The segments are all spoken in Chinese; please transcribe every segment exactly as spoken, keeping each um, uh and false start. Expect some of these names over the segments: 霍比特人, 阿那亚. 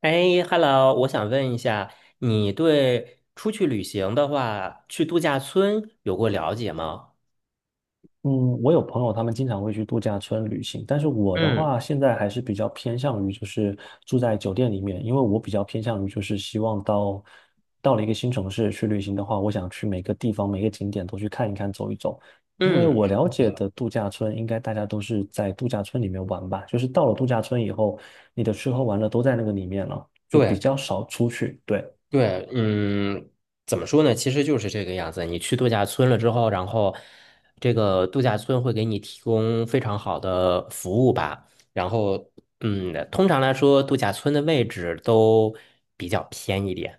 哎，Hello，我想问一下，你对出去旅行的话，去度假村有过了解吗？嗯，我有朋友，他们经常会去度假村旅行，但是我的嗯话，现在还是比较偏向于就是住在酒店里面，因为我比较偏向于就是希望到到了一个新城市去旅行的话，我想去每个地方每个景点都去看一看走一走，因为嗯，我了解的度假村，应该大家都是在度假村里面玩吧，就是到了度假村以后，你的吃喝玩乐都在那个里面了，就比对较少出去，对。对，嗯，怎么说呢？其实就是这个样子。你去度假村了之后，然后这个度假村会给你提供非常好的服务吧。然后，嗯，通常来说，度假村的位置都比较偏一点。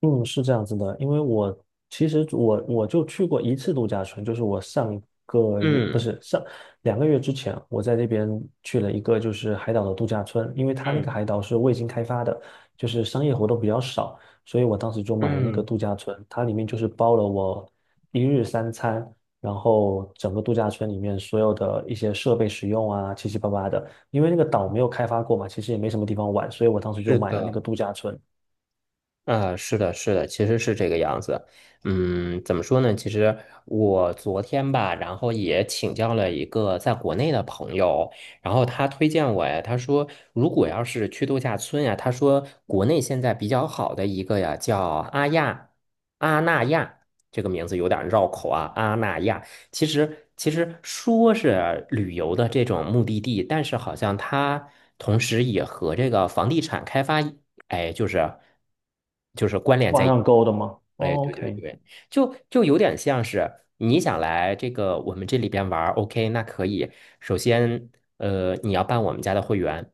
嗯，是这样子的，因为我其实我我就去过一次度假村，就是我上个月不嗯是上两个月之前，我在那边去了一个就是海岛的度假村，因为它那嗯个海岛是未经开发的，就是商业活动比较少，所以我当时就买了那个嗯，度假村，它里面就是包了我一日三餐，然后整个度假村里面所有的一些设备使用啊，七七八八的，因为那个岛没有开发过嘛，其实也没什么地方玩，所以我当时是就买了那的。个度假村。啊，是的，是的，其实是这个样子。嗯，怎么说呢？其实我昨天吧，然后也请教了一个在国内的朋友，然后他推荐我呀，他说如果要是去度假村呀，他说国内现在比较好的一个呀叫阿亚阿那亚，这个名字有点绕口啊，阿那亚。其实，其实说是旅游的这种目的地，但是好像它同时也和这个房地产开发，哎，就是就是关联在网一起。上勾的吗？哎，哦对对，OK，对，就就有点像是你想来这个我们这里边玩 o k 那可以。首先呃你要办我们家的会员。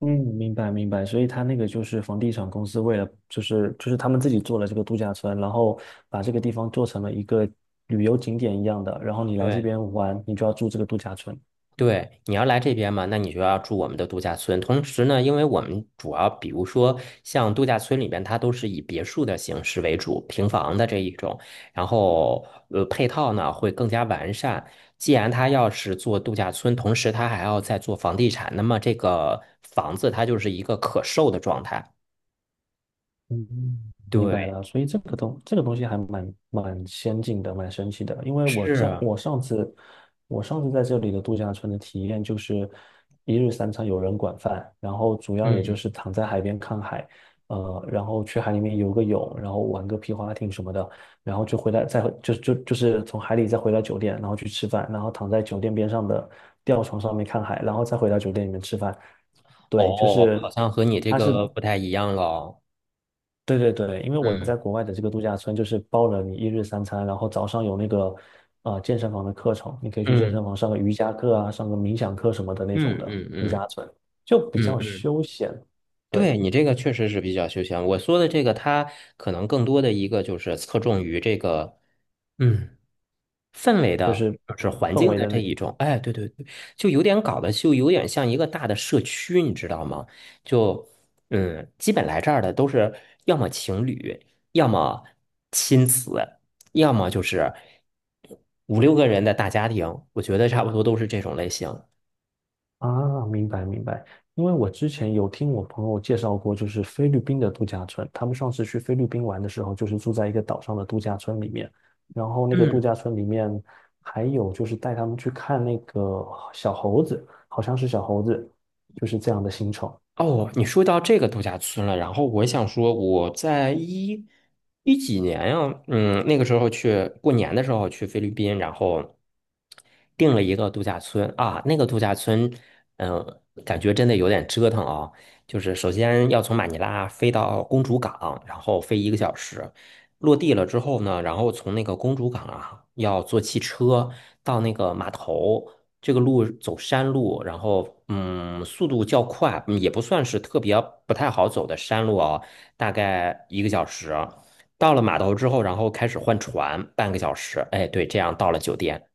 嗯，明白明白。所以他那个就是房地产公司为了，就是就是他们自己做了这个度假村，然后把这个地方做成了一个旅游景点一样的，然后你来这对边玩，你就要住这个度假村。对，你要来这边嘛，那你就要住我们的度假村。同时呢，因为我们主要比如说像度假村里边，它都是以别墅的形式为主，平房的这一种，然后呃配套呢会更加完善。既然他要是做度假村，同时他还要再做房地产，那么这个房子它就是一个可售的状态。嗯，明白对，了，所以这个东这个东西还蛮蛮先进的，蛮神奇的。因为我这是，我上次我上次在这里的度假村的体验就是一日三餐有人管饭，然后主要也就嗯，是躺在海边看海，呃，然后去海里面游个泳，然后玩个皮划艇什么的，然后就回来再回就就就是从海里再回到酒店，然后去吃饭，然后躺在酒店边上的吊床上面看海，然后再回到酒店里面吃饭。对，就哦，好是像和你这它是个不太一样了哦。对对对，因为我嗯在国外的这个度假村就是包了你一日三餐，然后早上有那个呃健身房的课程，你可以去健嗯身房上个瑜伽课啊，上个冥想课什么的那种嗯的嗯度嗯假村，就比嗯嗯。较嗯，休闲，对，对你这个确实是比较休闲。我说的这个，它可能更多的一个就是侧重于这个，嗯，氛围就的，是就是环氛境围的的这那一种。哎，对对对，就有点搞得就有点像一个大的社区，你知道吗？就嗯，基本来这儿的都是要么情侣，要么亲子，要么就是五六个人的大家庭。我觉得差不多都是这种类型。啊，明白明白，因为我之前有听我朋友介绍过，就是菲律宾的度假村。他们上次去菲律宾玩的时候，就是住在一个岛上的度假村里面，然后那个嗯。度假村里面还有就是带他们去看那个小猴子，好像是小猴子，就是这样的行程。哦，你说到这个度假村了，然后我想说，我在一一几年呀，嗯，那个时候去过年的时候去菲律宾，然后订了一个度假村啊，那个度假村，嗯、感觉真的有点折腾啊，就是首先要从马尼拉飞到公主港，然后飞一个小时，落地了之后呢，然后从那个公主港啊，要坐汽车到那个码头。这个路走山路，然后嗯，速度较快，嗯也不算是特别不太好走的山路啊，大概一个小时。到了码头之后，然后开始换船，半个小时。哎，对，这样到了酒店。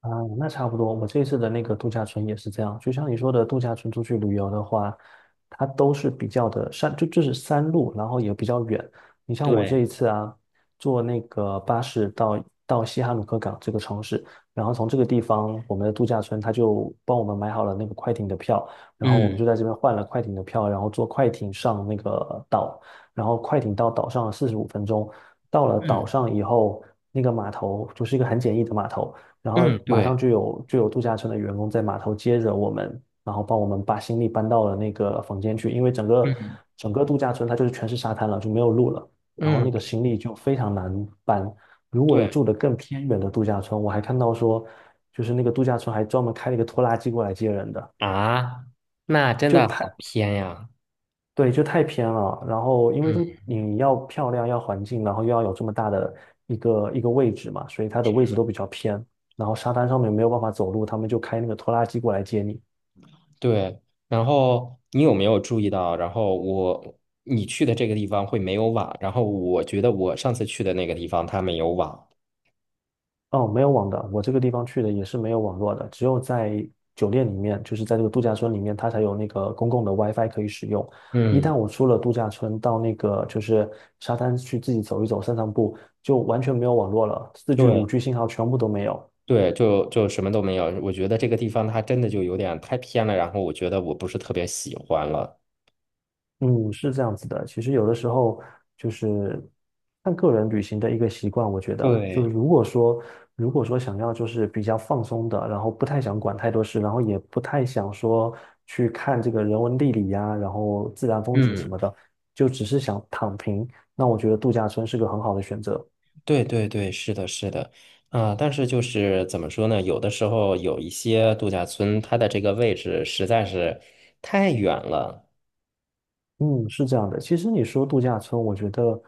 啊，那差不多。我这次的那个度假村也是这样，就像你说的，度假村出去旅游的话，它都是比较的山，就就是山路，然后也比较远。你像我这对，一次啊，坐那个巴士到到西哈努克港这个城市，然后从这个地方，我们的度假村他就帮我们买好了那个快艇的票，然后我们就嗯在这边换了快艇的票，然后坐快艇上那个岛，然后快艇到岛上四十五分钟，到了岛嗯上以后，那个码头就是一个很简易的码头。然后嗯，马上对，就有就有度假村的员工在码头接着我们，然后帮我们把行李搬到了那个房间去，因为整个嗯整个度假村它就是全是沙滩了，就没有路了，然后那嗯，个行李就非常难搬。如果你对住的更偏远的度假村，我还看到说，就是那个度假村还专门开了一个拖拉机过来接人的，啊，那真就的他。好偏呀。对，就太偏了。然后因为这嗯，你要漂亮，要环境，然后又要有这么大的一个一个位置嘛，所以它的位置都比较偏。然后沙滩上面没有办法走路，他们就开那个拖拉机过来接你。对。然后你有没有注意到？然后我你去的这个地方会没有网，然后我觉得我上次去的那个地方它没有网。哦，没有网的，我这个地方去的也是没有网络的，只有在酒店里面，就是在这个度假村里面，它才有那个公共的 WiFi 可以使用。一旦嗯，我出了度假村，到那个就是沙滩去自己走一走、散散步，就完全没有网络了，四 g 五 对 g 信号全部都没有。对，就就什么都没有。我觉得这个地方它真的就有点太偏了，然后我觉得我不是特别喜欢了。嗯，是这样子的。其实有的时候就是看个人旅行的一个习惯，我觉得就是对，如果说如果说想要就是比较放松的，然后不太想管太多事，然后也不太想说去看这个人文地理呀、然后自然风景什嗯，么的，就只是想躺平，那我觉得度假村是个很好的选择。对对对，是的，是的。啊，但是就是怎么说呢？有的时候有一些度假村，它的这个位置实在是太远了。嗯，是这样的。其实你说度假村，我觉得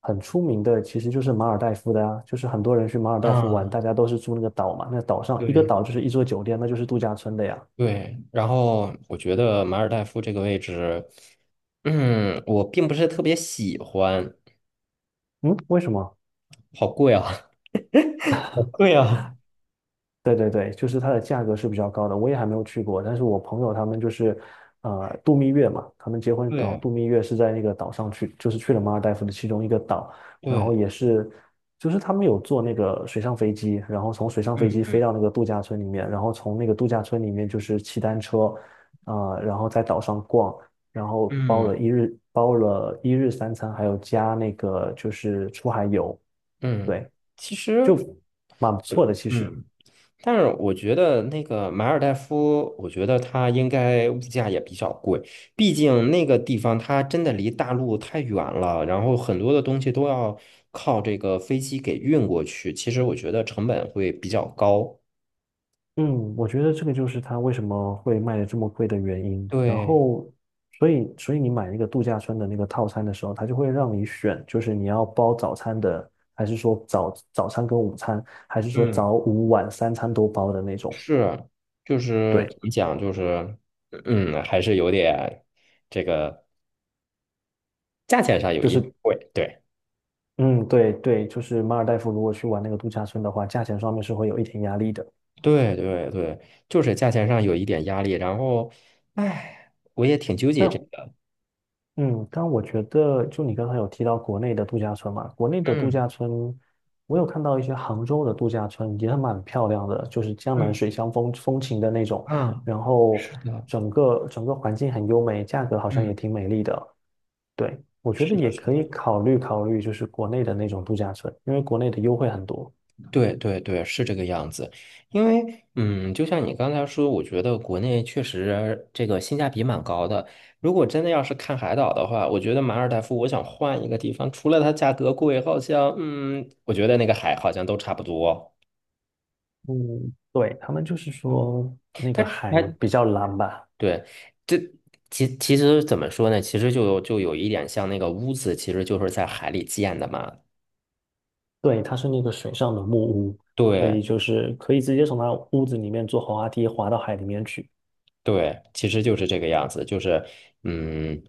很出名的其实就是马尔代夫的啊，就是很多人去马尔代夫玩，啊，大家都是住那个岛嘛，那岛上一个对，岛就是一座酒店，那就是度假村的呀。对，然后我觉得马尔代夫这个位置，嗯，我并不是特别喜欢。嗯，为什么？好贵啊。好贵啊。对对对，就是它的价格是比较高的，我也还没有去过，但是我朋友他们就是，呃，度蜜月嘛，他们结婚等对度蜜月是在那个岛上去，就是去了马尔代夫的其中一个岛，然后对，也是，就是他们有坐那个水上飞机，然后从水上飞嗯机嗯。飞到那个度假村里面，然后从那个度假村里面就是骑单车，啊，然后在岛上逛，然后包嗯了一日包了一日三餐，还有加那个就是出海游，嗯，对，其实就蛮不呃错的其实。嗯，但是我觉得那个马尔代夫，我觉得它应该物价也比较贵，毕竟那个地方它真的离大陆太远了，然后很多的东西都要靠这个飞机给运过去，其实我觉得成本会比较高。嗯，我觉得这个就是它为什么会卖的这么贵的原因。然对，后，所以所以你买那个度假村的那个套餐的时候，它就会让你选，就是你要包早餐的，还是说早早餐跟午餐，还是说嗯，早午晚三餐都包的那种。是，就是怎对，么讲，就是嗯，还是有点这个价钱上有就一点是贵，对。嗯，对对，就是马尔代夫如果去玩那个度假村的话，价钱上面是会有一点压力的。对对对，就是价钱上有一点压力，然后，哎，我也挺纠结这那个。嗯，但我觉得，就你刚才有提到国内的度假村嘛，国内的度嗯假村，我有看到一些杭州的度假村也蛮漂亮的，就是江南嗯，水乡风风情的那种，啊，然后是的，整个整个环境很优美，价格好像也嗯，挺美丽的。对，我觉得是的，也是可以的，考虑考虑，就是国内的那种度假村，因为国内的优惠很多。对对对，是这个样子。因为，嗯，就像你刚才说，我觉得国内确实这个性价比蛮高的。如果真的要是看海岛的话，我觉得马尔代夫，我想换一个地方，除了它价格贵，好像，嗯，我觉得那个海好像都差不多。嗯，对，他们就是说那它个海它比较蓝吧，对，这其其实怎么说呢？其实就有就有一点像那个屋子，其实就是在海里建的嘛。对，它是那个水上的木屋，所以对就是可以直接从它屋子里面坐滑滑梯滑到海里面去。对，其实就是这个样子，就是嗯，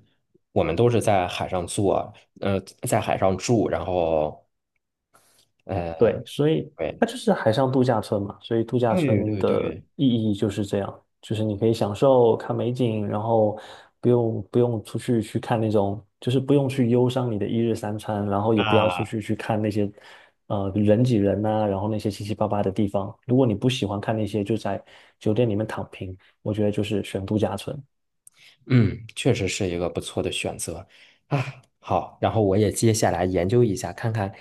我们都是在海上做，呃，在海上住，然后呃，对，所以对它就是海上度假村嘛，所以度假对村对的对意义就是这样，就是你可以享受看美景，然后不用不用出去去看那种，就是不用去忧伤你的一日三餐，然后也不要出啊，去去看那些呃人挤人呐、然后那些七七八八的地方。如果你不喜欢看那些，就在酒店里面躺平，我觉得就是选度假村。嗯，确实是一个不错的选择啊。好，然后我也接下来研究一下，看看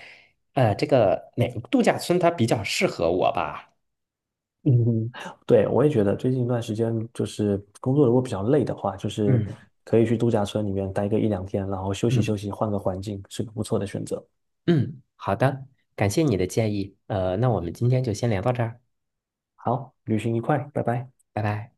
呃，这个哪个度假村它比较适合我吧。嗯，对，我也觉得最近一段时间，就是工作如果比较累的话，就是嗯可以去度假村里面待个一两天，然后休息休嗯。息，换个环境，是个不错的选择。嗯，好的，感谢你的建议。呃，那我们今天就先聊到这儿，好，旅行愉快，拜拜。拜拜。